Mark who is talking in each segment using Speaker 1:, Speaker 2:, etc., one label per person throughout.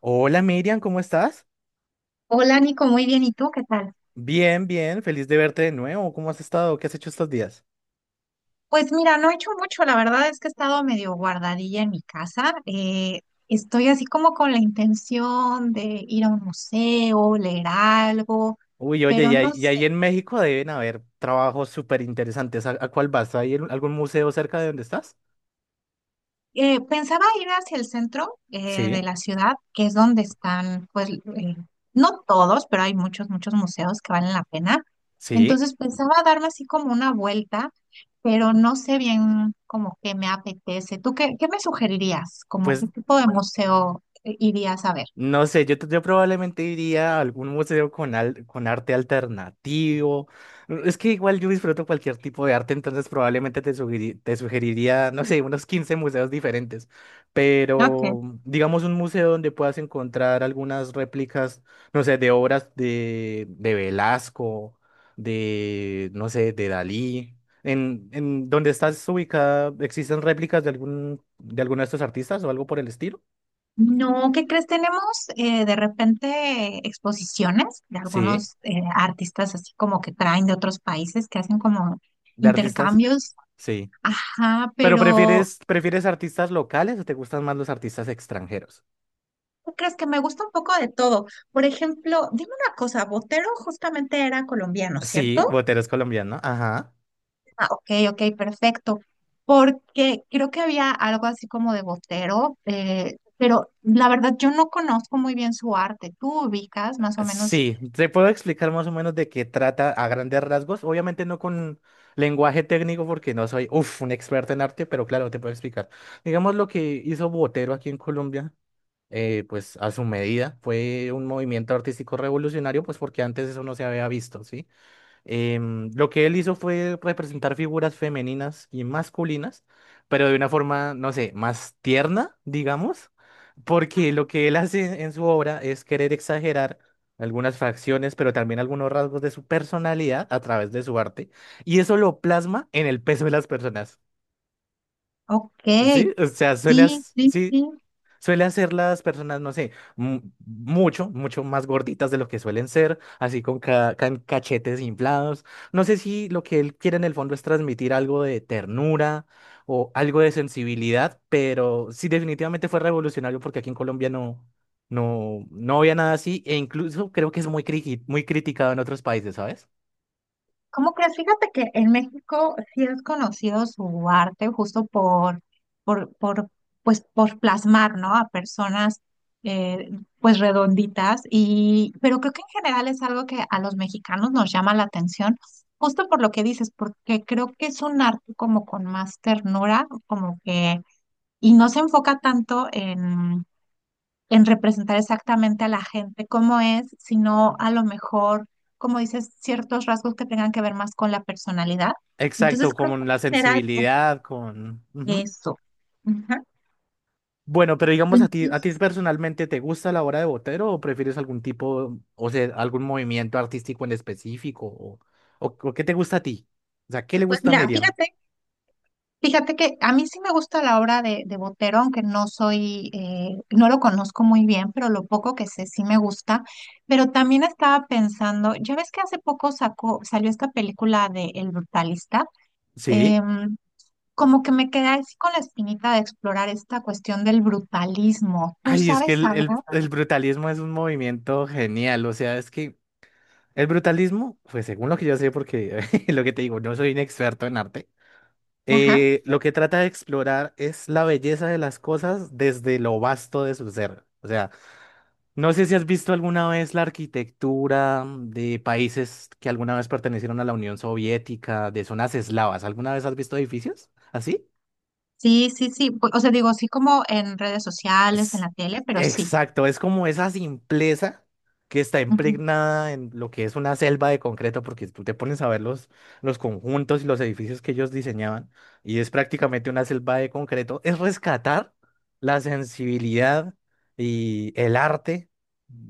Speaker 1: Hola Miriam, ¿cómo estás?
Speaker 2: Hola Nico, muy bien. ¿Y tú qué tal?
Speaker 1: Bien, bien, feliz de verte de nuevo. ¿Cómo has estado? ¿Qué has hecho estos días?
Speaker 2: Pues mira, no he hecho mucho. La verdad es que he estado medio guardadilla en mi casa. Estoy así como con la intención de ir a un museo, leer algo,
Speaker 1: Uy, oye,
Speaker 2: pero
Speaker 1: y ahí,
Speaker 2: no
Speaker 1: y
Speaker 2: sé.
Speaker 1: ahí en México deben haber trabajos súper interesantes. ¿A cuál vas? ¿Hay algún museo cerca de donde estás?
Speaker 2: Pensaba ir hacia el centro de
Speaker 1: Sí,
Speaker 2: la ciudad, que es donde están, pues, no todos, pero hay muchos museos que valen la pena.
Speaker 1: sí.
Speaker 2: Entonces pensaba darme así como una vuelta, pero no sé bien como que me apetece. ¿Tú qué me sugerirías? ¿Como
Speaker 1: Pues
Speaker 2: qué tipo de museo irías a ver?
Speaker 1: no sé, yo probablemente iría a algún museo con arte alternativo. Mm, es que igual yo disfruto cualquier tipo de arte, entonces probablemente te sugeriría, no sé, unos 15 museos diferentes.
Speaker 2: Ok.
Speaker 1: Pero digamos un museo donde puedas encontrar algunas réplicas, no sé, de obras de Velasco, de, no sé, de Dalí. En donde estás ubicada, ¿existen réplicas de algún, de alguno de estos artistas o algo por el estilo?
Speaker 2: No, ¿qué crees? Tenemos de repente exposiciones de
Speaker 1: Sí,
Speaker 2: algunos artistas así como que traen de otros países que hacen como
Speaker 1: de artistas.
Speaker 2: intercambios.
Speaker 1: Sí.
Speaker 2: Ajá,
Speaker 1: ¿Pero
Speaker 2: pero
Speaker 1: prefieres, prefieres artistas locales o te gustan más los artistas extranjeros?
Speaker 2: ¿tú crees que me gusta un poco de todo? Por ejemplo, dime una cosa, Botero justamente era colombiano,
Speaker 1: Sí,
Speaker 2: ¿cierto?
Speaker 1: Botero es colombiano. Ajá.
Speaker 2: Ah, ok, ok, perfecto. Porque creo que había algo así como de Botero, pero la verdad yo no conozco muy bien su arte. ¿Tú ubicas más o menos?
Speaker 1: Sí, te puedo explicar más o menos de qué trata a grandes rasgos. Obviamente no con lenguaje técnico porque no soy, uf, un experto en arte, pero claro, te puedo explicar. Digamos lo que hizo Botero aquí en Colombia, pues a su medida, fue un movimiento artístico revolucionario, pues porque antes eso no se había visto, ¿sí? Lo que él hizo fue representar figuras femeninas y masculinas, pero de una forma, no sé, más tierna, digamos, porque lo que él hace en su obra es querer exagerar algunas facciones, pero también algunos rasgos de su personalidad a través de su arte, y eso lo plasma en el peso de las personas,
Speaker 2: Ok,
Speaker 1: ¿sí? O sea, suele,
Speaker 2: sí, sí,
Speaker 1: sí,
Speaker 2: sí.
Speaker 1: suelen ser las personas, no sé, mucho, mucho más gorditas de lo que suelen ser, así con cachetes inflados. No sé si lo que él quiere en el fondo es transmitir algo de ternura o algo de sensibilidad, pero sí definitivamente fue revolucionario porque aquí en Colombia no había nada así e incluso creo que es muy criticado en otros países, ¿sabes?
Speaker 2: ¿Cómo crees? Fíjate que en México sí es conocido su arte justo por, por, pues, por plasmar, ¿no? A personas, eh, pues, redonditas. Y, pero creo que en general es algo que a los mexicanos nos llama la atención, justo por lo que dices, porque creo que es un arte como con más ternura, como que, y no se enfoca tanto en representar exactamente a la gente cómo es, sino a lo mejor, como dices, ciertos rasgos que tengan que ver más con la personalidad.
Speaker 1: Exacto,
Speaker 2: Entonces creo que
Speaker 1: con la
Speaker 2: en general es
Speaker 1: sensibilidad, con... Ujú.
Speaker 2: eso. Ajá.
Speaker 1: Bueno, pero digamos a ti
Speaker 2: Entonces,
Speaker 1: personalmente, ¿te gusta la obra de Botero o prefieres algún tipo, o sea, algún movimiento artístico en específico? O qué te gusta a ti? O sea, ¿qué le
Speaker 2: pues
Speaker 1: gusta a
Speaker 2: mira,
Speaker 1: Miriam?
Speaker 2: fíjate que a mí sí me gusta la obra de Botero, aunque no soy, no lo conozco muy bien, pero lo poco que sé sí me gusta. Pero también estaba pensando, ya ves que hace poco sacó, salió esta película de El Brutalista.
Speaker 1: Sí.
Speaker 2: em, Como que me quedé así con la espinita de explorar esta cuestión del brutalismo. ¿Tú
Speaker 1: Ay, es que
Speaker 2: sabes algo?
Speaker 1: el brutalismo es un movimiento genial. O sea, es que el brutalismo, pues según lo que yo sé, porque lo que te digo, no soy un experto en arte,
Speaker 2: Ajá.
Speaker 1: lo que trata de explorar es la belleza de las cosas desde lo vasto de su ser. O sea, no sé si has visto alguna vez la arquitectura de países que alguna vez pertenecieron a la Unión Soviética, de zonas eslavas. ¿Alguna vez has visto edificios así?
Speaker 2: Sí, sí, sí. Pu- O sea, digo, sí como en redes sociales, en
Speaker 1: Es,
Speaker 2: la tele, pero sí.
Speaker 1: exacto, es como esa simpleza que está
Speaker 2: Ujú,
Speaker 1: impregnada en lo que es una selva de concreto, porque tú te pones a ver los conjuntos y los edificios que ellos diseñaban, y es prácticamente una selva de concreto, es rescatar la sensibilidad y el arte,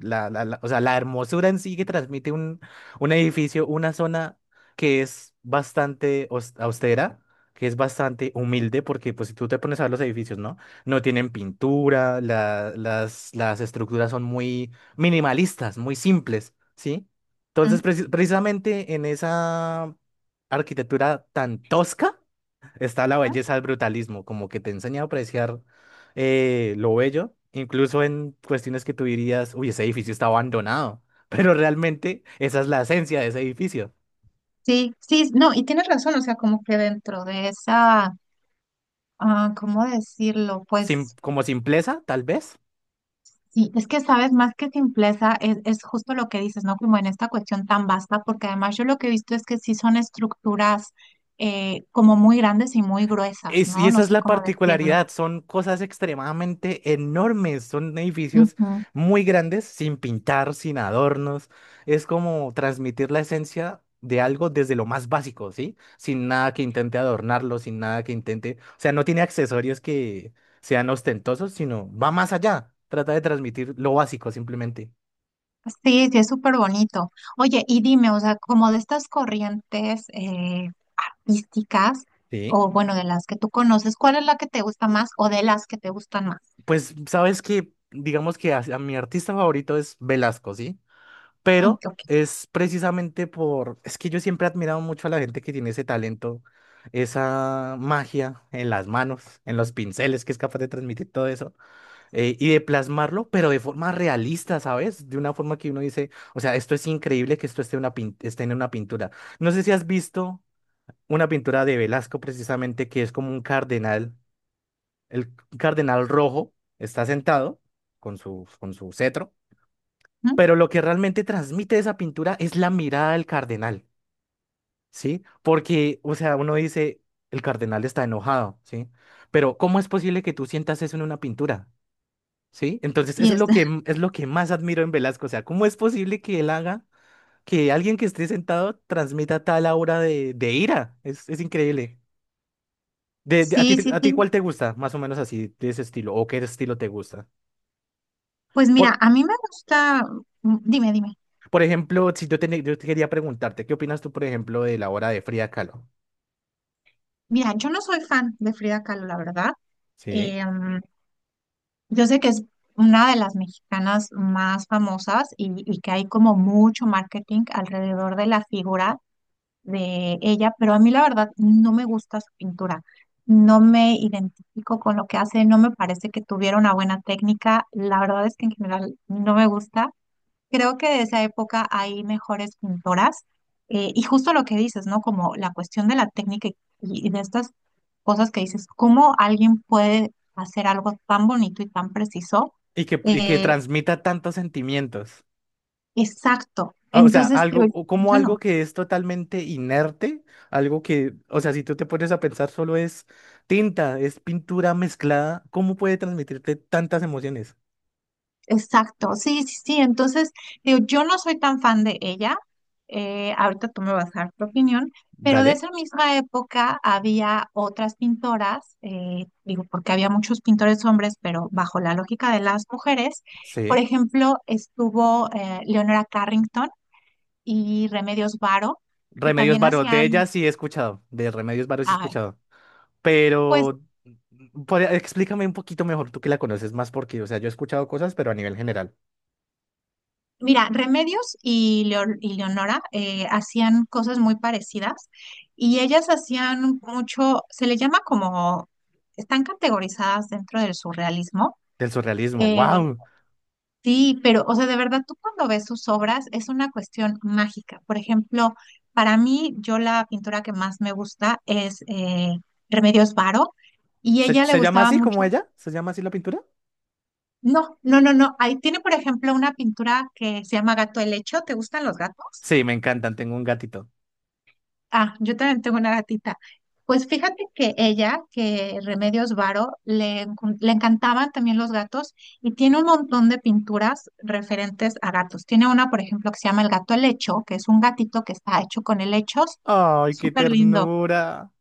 Speaker 1: o sea, la hermosura en sí que transmite un edificio, una zona que es bastante austera, que es bastante humilde, porque pues si tú te pones a ver los edificios, ¿no? No tienen pintura, las estructuras son muy minimalistas, muy simples, ¿sí? Entonces,
Speaker 2: ujú.
Speaker 1: precisamente en esa arquitectura tan tosca está la belleza del brutalismo, como que te enseña a apreciar lo bello, incluso en cuestiones que tú dirías, uy, ese edificio está abandonado, pero realmente esa es la esencia de ese edificio.
Speaker 2: Sí, sí, no, y tienes razón, o sea, como que dentro de esa, ah, ¿cómo decirlo?
Speaker 1: Sim-
Speaker 2: Pues
Speaker 1: como simpleza, tal vez.
Speaker 2: sí, es que sabes, más que simpleza, es justo lo que dices, ¿no? Como en esta cuestión tan vasta, porque además yo lo que he visto es que sí son estructuras como muy grandes y muy gruesas,
Speaker 1: Y
Speaker 2: ¿no?
Speaker 1: esa
Speaker 2: No
Speaker 1: es
Speaker 2: sé
Speaker 1: la
Speaker 2: cómo decirlo.
Speaker 1: particularidad, son cosas extremadamente enormes, son edificios
Speaker 2: Ujú.
Speaker 1: muy grandes, sin pintar, sin adornos. Es como transmitir la esencia de algo desde lo más básico, ¿sí? Sin nada que intente adornarlo, sin nada que intente, o sea, no tiene accesorios que sean ostentosos, sino va más allá, trata de transmitir lo básico simplemente.
Speaker 2: Sí, sí, es súper bonito. Oye, y dime, o sea, como de estas corrientes místicas,
Speaker 1: Sí.
Speaker 2: o bueno, de las que tú conoces, ¿cuál es la que te gusta más o de las que te gustan más?
Speaker 1: Pues sabes que, digamos que a mi artista favorito es Velasco, ¿sí?
Speaker 2: Mm,
Speaker 1: Pero
Speaker 2: ok.
Speaker 1: es precisamente por, es que yo siempre he admirado mucho a la gente que tiene ese talento, esa magia en las manos, en los pinceles, que es capaz de transmitir todo eso y de plasmarlo, pero de forma realista, ¿sabes? De una forma que uno dice, o sea, esto es increíble que esto esté, esté en una pintura. No sé si has visto una pintura de Velasco precisamente que es como un cardenal, el cardenal rojo está sentado con su cetro,
Speaker 2: Mm,
Speaker 1: pero lo que realmente transmite esa pintura es la mirada del cardenal, ¿sí? Porque, o sea, uno dice, el cardenal está enojado, ¿sí? Pero ¿cómo es posible que tú sientas eso en una pintura? ¿Sí? Entonces, eso
Speaker 2: y
Speaker 1: es
Speaker 2: es-
Speaker 1: lo es lo que más admiro en Velasco, o sea, ¿cómo es posible que él haga que alguien que esté sentado transmita tal aura de ira? Es increíble. ¿A ti,
Speaker 2: Sí, sí,
Speaker 1: a ti
Speaker 2: sí.
Speaker 1: cuál te gusta? Más o menos así, de ese estilo, o qué estilo te gusta.
Speaker 2: Pues mira,
Speaker 1: Por,
Speaker 2: a mí me gusta, mm, dime, dime.
Speaker 1: por ejemplo, si yo te quería preguntarte, ¿qué opinas tú, por ejemplo, de la obra de Frida Kahlo?
Speaker 2: Mira, yo no soy fan de Frida Kahlo, la verdad.
Speaker 1: Sí.
Speaker 2: Eh, mm, yo sé que es una de las mexicanas más famosas y que hay como mucho marketing alrededor de la figura de ella, pero a mí la verdad no me gusta su pintura, no me identifico con lo que hace, no me parece que tuviera una buena técnica, la verdad es que en general no me gusta. Creo que de esa época hay mejores pintoras y justo lo que dices, ¿no? Como la cuestión de la técnica y de estas cosas que dices, ¿cómo alguien puede hacer algo tan bonito y tan preciso?
Speaker 1: Y que
Speaker 2: Eh,
Speaker 1: transmita tantos sentimientos.
Speaker 2: exacto.
Speaker 1: Ah, o sea,
Speaker 2: Entonces, te-
Speaker 1: algo, o como
Speaker 2: yo
Speaker 1: algo
Speaker 2: no.
Speaker 1: que es totalmente inerte, algo que, o sea, si tú te pones a pensar, solo es tinta, es pintura mezclada, ¿cómo puede transmitirte tantas emociones?
Speaker 2: Exacto, sí, sí, sí. Entonces, digo, yo no soy tan fan de ella. Ahorita tú me vas a dar tu opinión, pero de
Speaker 1: Dale,
Speaker 2: esa misma época había otras pintoras, digo, porque había muchos pintores hombres, pero bajo la lógica de las mujeres. Por
Speaker 1: sí.
Speaker 2: ejemplo, estuvo Leonora Carrington y Remedios Varo, que
Speaker 1: Remedios
Speaker 2: también
Speaker 1: Varo, de
Speaker 2: hacían,
Speaker 1: ella sí he escuchado, de Remedios Varo sí he
Speaker 2: ah,
Speaker 1: escuchado,
Speaker 2: pues.
Speaker 1: pero explícame un poquito mejor, tú que la conoces más, porque, o sea, yo he escuchado cosas, pero a nivel general,
Speaker 2: Mira, Remedios y, Leo- y Leonora hacían cosas muy parecidas y ellas hacían mucho, se le llama como, están categorizadas dentro del surrealismo.
Speaker 1: del surrealismo,
Speaker 2: Eh,
Speaker 1: wow.
Speaker 2: sí, pero, o sea, de verdad, tú cuando ves sus obras es una cuestión mágica. Por ejemplo, para mí, yo la pintura que más me gusta es Remedios Varo y
Speaker 1: ¿Se,
Speaker 2: ella le
Speaker 1: se llama
Speaker 2: gustaba
Speaker 1: así como
Speaker 2: mucho.
Speaker 1: ella? ¿Se llama así la pintura?
Speaker 2: No, no, no, no. Ahí tiene, por ejemplo, una pintura que se llama Gato Helecho. ¿Te gustan los gatos?
Speaker 1: Sí, me encantan, tengo un gatito.
Speaker 2: Ah, yo también tengo una gatita. Pues fíjate que ella, que Remedios Varo, le, encon- le encantaban también los gatos y tiene un montón de pinturas referentes a gatos. Tiene una, por ejemplo, que se llama El gato helecho, que es un gatito que está hecho con helechos.
Speaker 1: Ay, qué
Speaker 2: Súper lindo.
Speaker 1: ternura.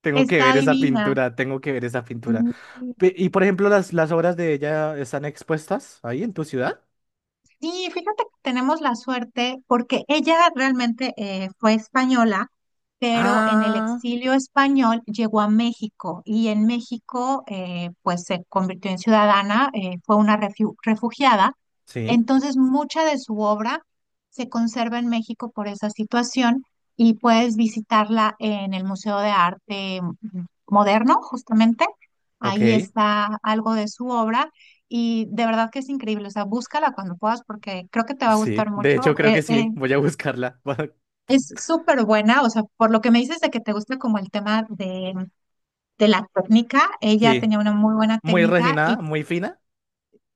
Speaker 1: Tengo que
Speaker 2: Está
Speaker 1: ver esa
Speaker 2: divina.
Speaker 1: pintura, tengo que ver esa pintura.
Speaker 2: Sí.
Speaker 1: Y por ejemplo, las obras de ella están expuestas ahí en tu ciudad.
Speaker 2: Sí, fíjate que tenemos la suerte porque ella realmente fue española, pero en el
Speaker 1: Ah,
Speaker 2: exilio español llegó a México y en México pues se convirtió en ciudadana, fue una refiu- refugiada.
Speaker 1: sí,
Speaker 2: Entonces mucha de su obra se conserva en México por esa situación y puedes visitarla en el Museo de Arte Moderno, justamente.
Speaker 1: ok,
Speaker 2: Ahí está algo de su obra. Y de verdad que es increíble, o sea, búscala cuando puedas porque creo que te va a
Speaker 1: sí.
Speaker 2: gustar
Speaker 1: De
Speaker 2: mucho.
Speaker 1: hecho, creo que sí, voy a buscarla.
Speaker 2: Es súper buena, o sea, por lo que me dices de que te gusta como el tema de la técnica, ella
Speaker 1: Sí,
Speaker 2: tenía una muy buena
Speaker 1: muy
Speaker 2: técnica
Speaker 1: refinada,
Speaker 2: y
Speaker 1: muy fina,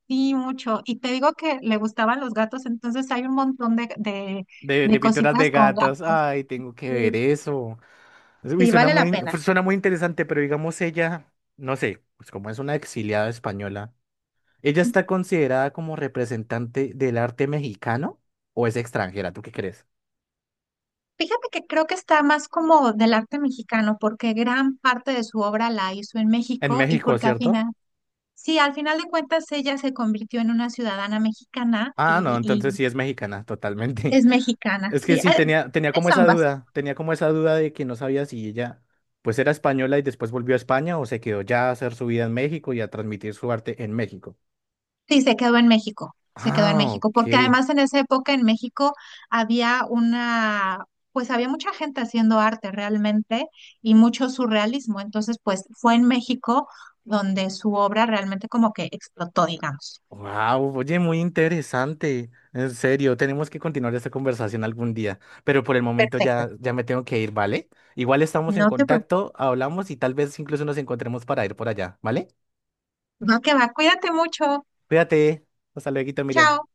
Speaker 2: sí, mucho. Y te digo que le gustaban los gatos, entonces hay un montón
Speaker 1: de
Speaker 2: de
Speaker 1: pinturas de
Speaker 2: cositas con
Speaker 1: gatos.
Speaker 2: gatos.
Speaker 1: Ay, tengo que ver
Speaker 2: Sí,
Speaker 1: eso. Uy,
Speaker 2: sí, vale la pena.
Speaker 1: suena muy interesante, pero digamos ella, no sé, pues como es una exiliada española. ¿Ella
Speaker 2: Ujú.
Speaker 1: está considerada como representante del arte mexicano o es extranjera? ¿Tú qué crees?
Speaker 2: Fíjate que creo que está más como del arte mexicano porque gran parte de su obra la hizo en
Speaker 1: En
Speaker 2: México y
Speaker 1: México,
Speaker 2: porque al
Speaker 1: ¿cierto?
Speaker 2: final sí, al final de cuentas ella se convirtió en una ciudadana mexicana
Speaker 1: Ah, no, entonces
Speaker 2: y
Speaker 1: sí es mexicana, totalmente.
Speaker 2: es mexicana.
Speaker 1: Es que
Speaker 2: Sí,
Speaker 1: sí, tenía, tenía como
Speaker 2: es
Speaker 1: esa
Speaker 2: ambas.
Speaker 1: duda, tenía como esa duda de que no sabía si ella pues era española y después volvió a España o se quedó ya a hacer su vida en México y a transmitir su arte en México.
Speaker 2: Sí, se quedó en México, se quedó en
Speaker 1: Ah,
Speaker 2: México, porque
Speaker 1: ok.
Speaker 2: además en esa época en México había una, pues había mucha gente haciendo arte realmente y mucho surrealismo. Entonces, pues fue en México donde su obra realmente como que explotó, digamos.
Speaker 1: Wow, oye, muy interesante. En serio, tenemos que continuar esta conversación algún día, pero por el momento
Speaker 2: Perfecto.
Speaker 1: ya, ya me tengo que ir, ¿vale? Igual estamos en
Speaker 2: No te preocupes.
Speaker 1: contacto, hablamos y tal vez incluso nos encontremos para ir por allá, ¿vale?
Speaker 2: No, que va. Cuídate mucho.
Speaker 1: Cuídate. Hasta luego, Miriam.
Speaker 2: Chao.